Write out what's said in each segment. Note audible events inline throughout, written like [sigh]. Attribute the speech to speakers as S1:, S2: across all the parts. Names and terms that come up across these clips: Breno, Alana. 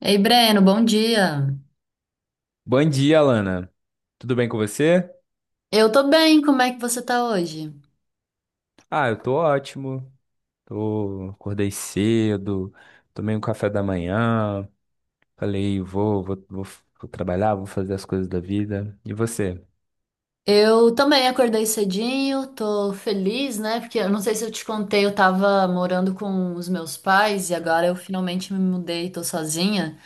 S1: Ei, Breno, bom dia.
S2: Bom dia, Alana. Tudo bem com você?
S1: Eu tô bem, como é que você tá hoje?
S2: Ah, eu tô ótimo. Tô, acordei cedo, tomei um café da manhã, falei, vou, vou trabalhar, vou fazer as coisas da vida. E você?
S1: Eu também acordei cedinho, tô feliz, né? Porque eu não sei se eu te contei, eu tava morando com os meus pais e agora eu finalmente me mudei, tô sozinha.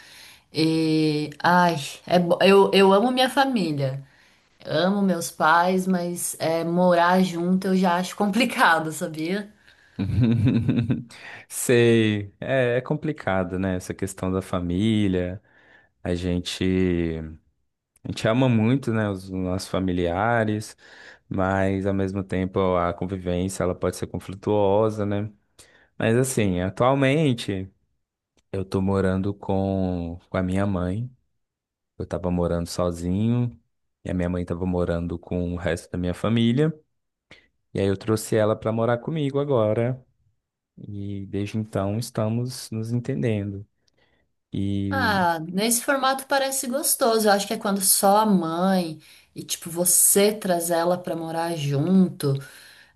S1: E ai, eu amo minha família, amo meus pais, mas é, morar junto eu já acho [laughs] complicado, sabia?
S2: [laughs] Sei, é complicado, né? Essa questão da família. A gente, a gente ama muito, né, os nossos familiares, mas ao mesmo tempo a convivência ela pode ser conflituosa, né? Mas assim, atualmente. Eu tô morando com a minha mãe. Eu tava morando sozinho. E a minha mãe tava morando com o resto da minha família. E aí eu trouxe ela pra morar comigo agora. E desde então estamos nos entendendo. E
S1: Ah, nesse formato parece gostoso. Eu acho que é quando só a mãe e, tipo, você traz ela pra morar junto,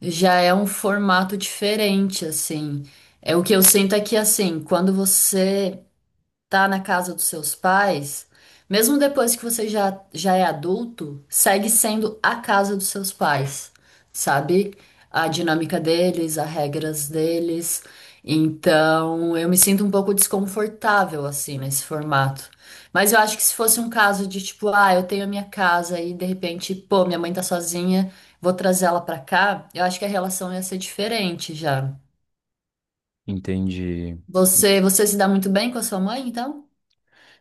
S1: já é um formato diferente, assim. É o que eu sinto aqui, assim, quando você tá na casa dos seus pais, mesmo depois que você já, é adulto, segue sendo a casa dos seus pais, sabe? A dinâmica deles, as regras deles. Então, eu me sinto um pouco desconfortável assim nesse formato. Mas eu acho que se fosse um caso de tipo, ah, eu tenho a minha casa e de repente, pô, minha mãe tá sozinha, vou trazer ela pra cá, eu acho que a relação ia ser diferente já.
S2: entendi.
S1: Você se dá muito bem com a sua mãe, então?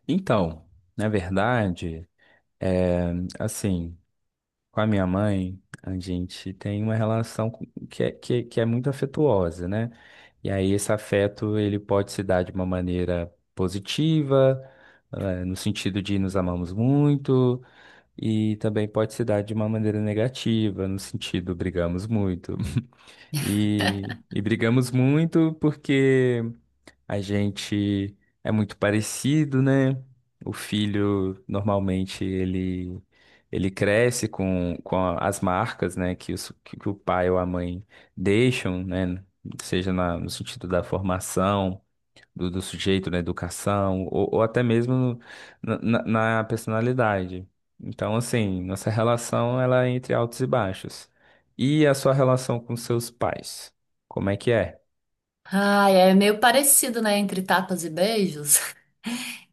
S2: Então, na verdade, é assim. Com a minha mãe, a gente tem uma relação que é muito afetuosa, né? E aí esse afeto, ele pode se dar de uma maneira positiva, no sentido de nos amamos muito, e também pode se dar de uma maneira negativa, no sentido brigamos muito. [laughs] E brigamos muito porque a gente é muito parecido, né? O filho, normalmente, ele cresce com as marcas, né? Que, os, que o pai ou a mãe deixam, né? Seja no sentido da formação, do sujeito, na educação, ou até mesmo na, na- na personalidade. Então, assim, nossa relação, ela é entre altos e baixos. E a sua relação com seus pais? Como é que é?
S1: Ai, é meio parecido, né, entre tapas e beijos. [laughs]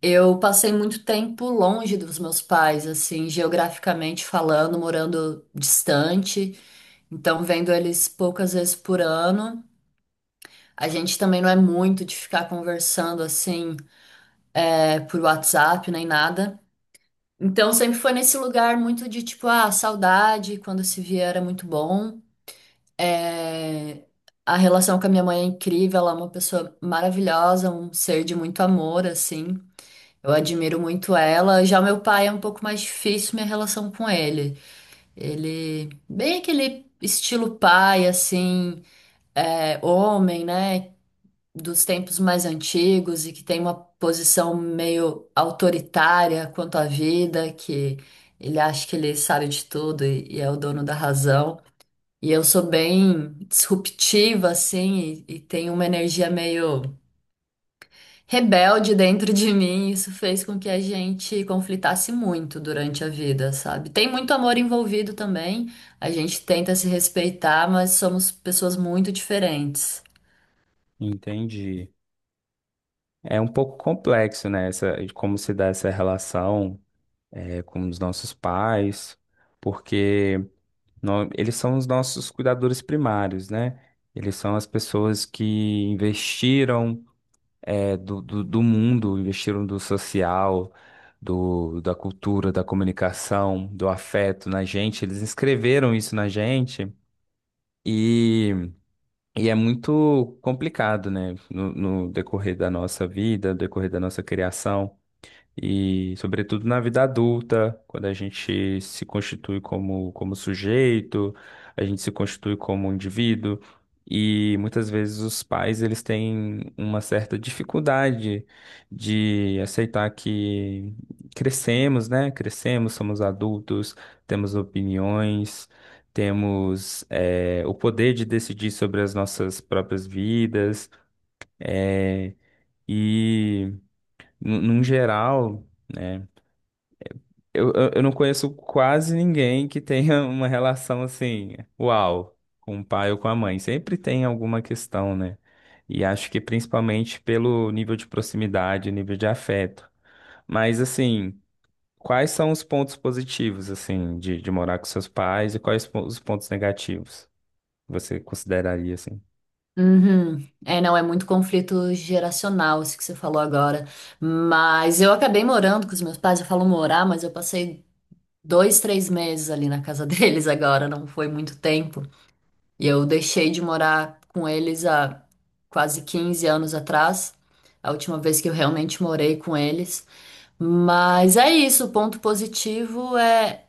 S1: Eu passei muito tempo longe dos meus pais, assim, geograficamente falando, morando distante, então vendo eles poucas vezes por ano. A gente também não é muito de ficar conversando assim, é, por WhatsApp nem nada. Então sempre foi nesse lugar muito de tipo, ah, saudade, quando se via era muito bom. É, a relação com a minha mãe é incrível, ela é uma pessoa maravilhosa, um ser de muito amor, assim. Eu admiro muito ela. Já meu pai é um pouco mais difícil minha relação com ele. Ele, bem aquele estilo pai, assim, é, homem, né? Dos tempos mais antigos e que tem uma posição meio autoritária quanto à vida, que ele acha que ele sabe de tudo e é o dono da razão. E eu sou bem disruptiva, assim, e tenho uma energia meio rebelde dentro de mim, isso fez com que a gente conflitasse muito durante a vida, sabe? Tem muito amor envolvido também, a gente tenta se respeitar, mas somos pessoas muito diferentes.
S2: Entendi. É um pouco complexo, né? Essa, de como se dá essa relação é, com os nossos pais, porque eles são os nossos cuidadores primários, né? Eles são as pessoas que investiram é, do mundo, investiram do social, do, da cultura, da comunicação, do afeto na gente. Eles escreveram isso na gente e, e é muito complicado, né? No decorrer da nossa vida, no decorrer da nossa criação. E, sobretudo, na vida adulta, quando a gente se constitui como, como sujeito, a gente se constitui como indivíduo, e muitas vezes os pais eles têm uma certa dificuldade de aceitar que crescemos, né? Crescemos, somos adultos, temos opiniões, temos, o poder de decidir sobre as nossas próprias vidas, eh, e, num geral. Né? Eu não conheço quase ninguém que tenha [laughs] uma relação assim, uau, com o pai ou com a mãe. Sempre tem alguma questão, né? E acho que principalmente pelo nível de proximidade, nível de afeto. Mas assim, quais são os pontos positivos, assim, de morar com seus pais e quais os pontos negativos você consideraria, assim?
S1: Uhum. É, não, é muito conflito geracional, isso que você falou agora. Mas eu acabei morando com os meus pais, eu falo morar, mas eu passei 2, 3 meses ali na casa [laughs] deles agora, não foi muito tempo. E eu deixei de morar com eles há quase 15 anos atrás, a última vez que eu realmente morei com eles. Mas é isso, o ponto positivo é,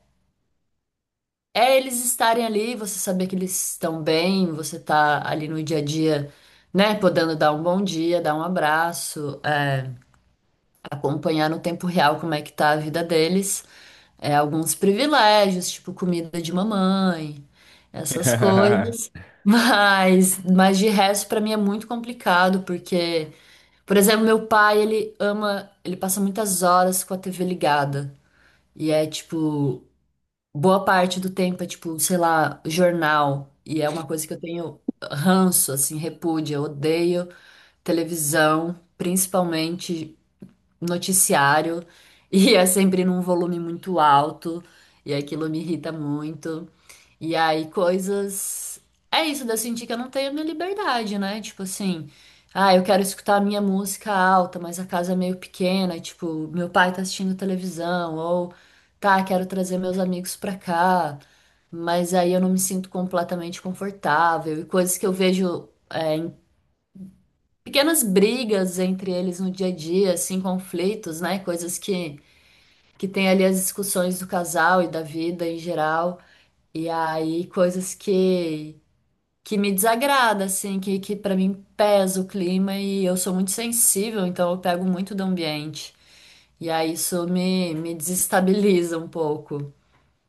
S1: eles estarem ali, você saber que eles estão bem, você tá ali no dia a dia, né, podendo dar um bom dia, dar um abraço, é, acompanhar no tempo real como é que tá a vida deles. É, alguns privilégios, tipo comida de mamãe, essas coisas.
S2: [laughs]
S1: [laughs] Mas de resto, para mim é muito complicado, porque, por exemplo, meu pai, ele ama, ele passa muitas horas com a TV ligada. E é tipo, boa parte do tempo é tipo, sei lá, jornal. E é uma coisa que eu tenho ranço, assim, repúdio. Eu odeio televisão, principalmente noticiário [laughs] e é sempre num volume muito alto e aquilo me irrita muito. E aí coisas. É isso, de eu sentir que eu não tenho a minha liberdade, né? Tipo assim, ah, eu quero escutar a minha música alta, mas a casa é meio pequena, e, tipo, meu pai tá assistindo televisão, ou tá, quero trazer meus amigos pra cá. Mas aí eu não me sinto completamente confortável. E coisas que eu vejo é, pequenas brigas entre eles no dia a dia, assim, conflitos, né? Coisas que tem ali as discussões do casal e da vida em geral. E aí, coisas que me desagrada, assim, que para mim pesa o clima e eu sou muito sensível, então eu pego muito do ambiente. E aí, isso me desestabiliza um pouco.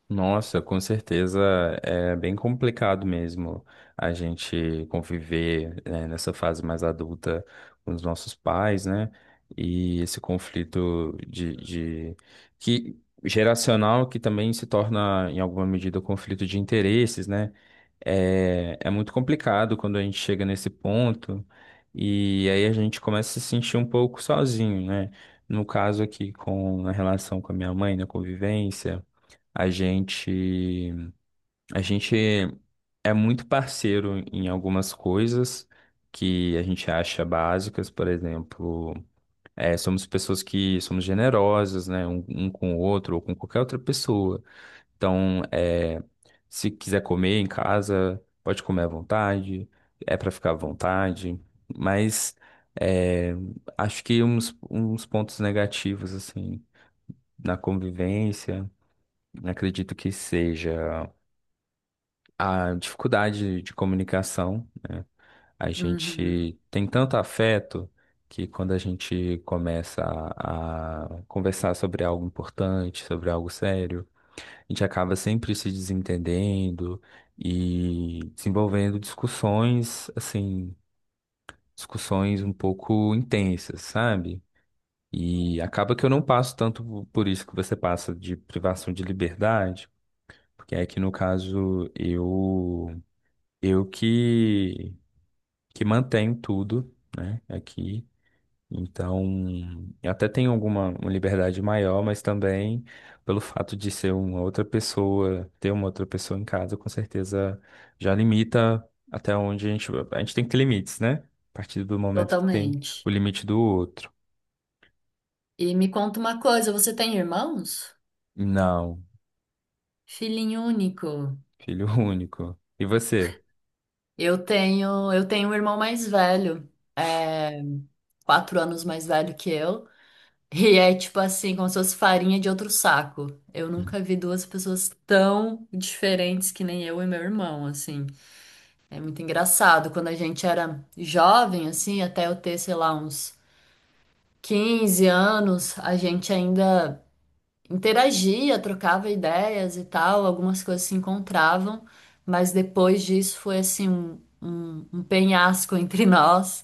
S2: Nossa, com certeza é bem complicado mesmo a gente conviver, né, nessa fase mais adulta com os nossos pais, né? E esse conflito de que geracional que também se torna em alguma medida um conflito de interesses, né? É muito complicado quando a gente chega nesse ponto e aí a gente começa a se sentir um pouco sozinho, né? No caso aqui com a relação com a minha mãe, na convivência. A gente, a gente é muito parceiro em algumas coisas que a gente acha básicas, por exemplo, é, somos pessoas que somos generosas, né, um com o outro ou com qualquer outra pessoa. Então, é, se quiser comer em casa, pode comer à vontade, é para ficar à vontade, mas é, acho que uns pontos negativos, assim, na convivência, acredito que seja. A dificuldade de comunicação, né? A
S1: Uhum,
S2: gente tem tanto afeto que quando a gente começa a conversar sobre algo importante, sobre algo sério, a gente acaba sempre se desentendendo e desenvolvendo discussões, assim, discussões um pouco intensas, sabe? E acaba que eu não passo tanto por isso que você passa de privação de liberdade, porque aqui no caso eu que mantenho tudo, né, aqui. Então, eu até tenho alguma uma liberdade maior, mas também pelo fato de ser uma outra pessoa, ter uma outra pessoa em casa, com certeza já limita até onde a gente tem que ter limites, né? A partir do momento que tem
S1: totalmente.
S2: o limite do outro.
S1: E me conta uma coisa, você tem irmãos?
S2: Não,
S1: Filhinho único.
S2: filho [laughs] único. E você?
S1: Eu tenho um irmão mais velho, é, 4 anos mais velho que eu, [laughs] e é tipo assim, como se fosse farinha de outro saco. Eu nunca vi duas pessoas tão diferentes que nem eu e meu irmão, assim. É muito engraçado. Quando a gente era jovem, assim, até eu ter, sei lá, uns 15 anos, a gente ainda interagia, trocava ideias e tal, algumas coisas se encontravam, mas depois disso foi assim um, um penhasco [laughs] entre nós.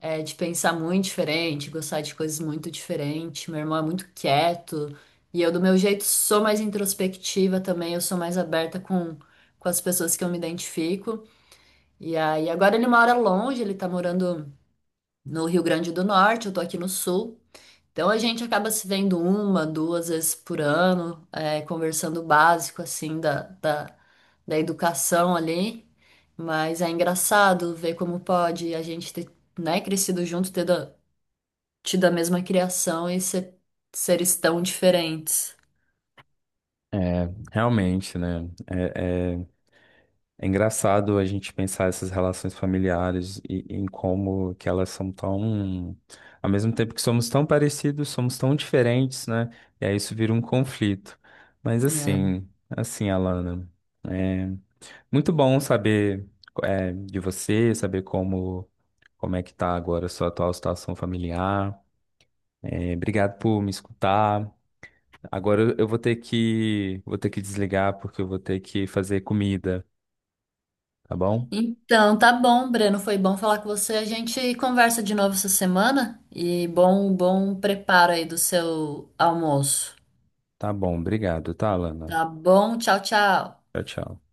S1: É, de pensar muito diferente, gostar de coisas muito diferentes. Meu irmão é muito quieto. E eu, do meu jeito, sou mais introspectiva também. Eu sou mais aberta com, as pessoas que eu me identifico. E aí, agora ele mora longe, ele tá morando no Rio Grande do Norte, eu tô aqui no Sul. Então a gente acaba se vendo uma, duas vezes por ano, é, conversando o básico, assim, da, da educação ali. Mas é engraçado ver como pode a gente ter, né, crescido junto, ter tido a mesma criação e ser, seres tão diferentes.
S2: É, realmente, né? É engraçado a gente pensar essas relações familiares e em como que elas são tão, ao mesmo tempo que somos tão parecidos, somos tão diferentes, né? E aí isso vira um conflito. Mas
S1: É.
S2: assim, assim, Alana, é muito bom saber é, de você, saber como como é que tá agora a sua atual situação familiar. É, obrigado por me escutar. Agora eu vou ter que desligar porque eu vou ter que fazer comida, tá bom?
S1: Então, tá bom, Breno. Foi bom falar com você. A gente conversa de novo essa semana e bom, bom preparo aí do seu almoço.
S2: Tá bom, obrigado, tá, Alana?
S1: Tá bom? Tchau, tchau.
S2: Tchau, tchau.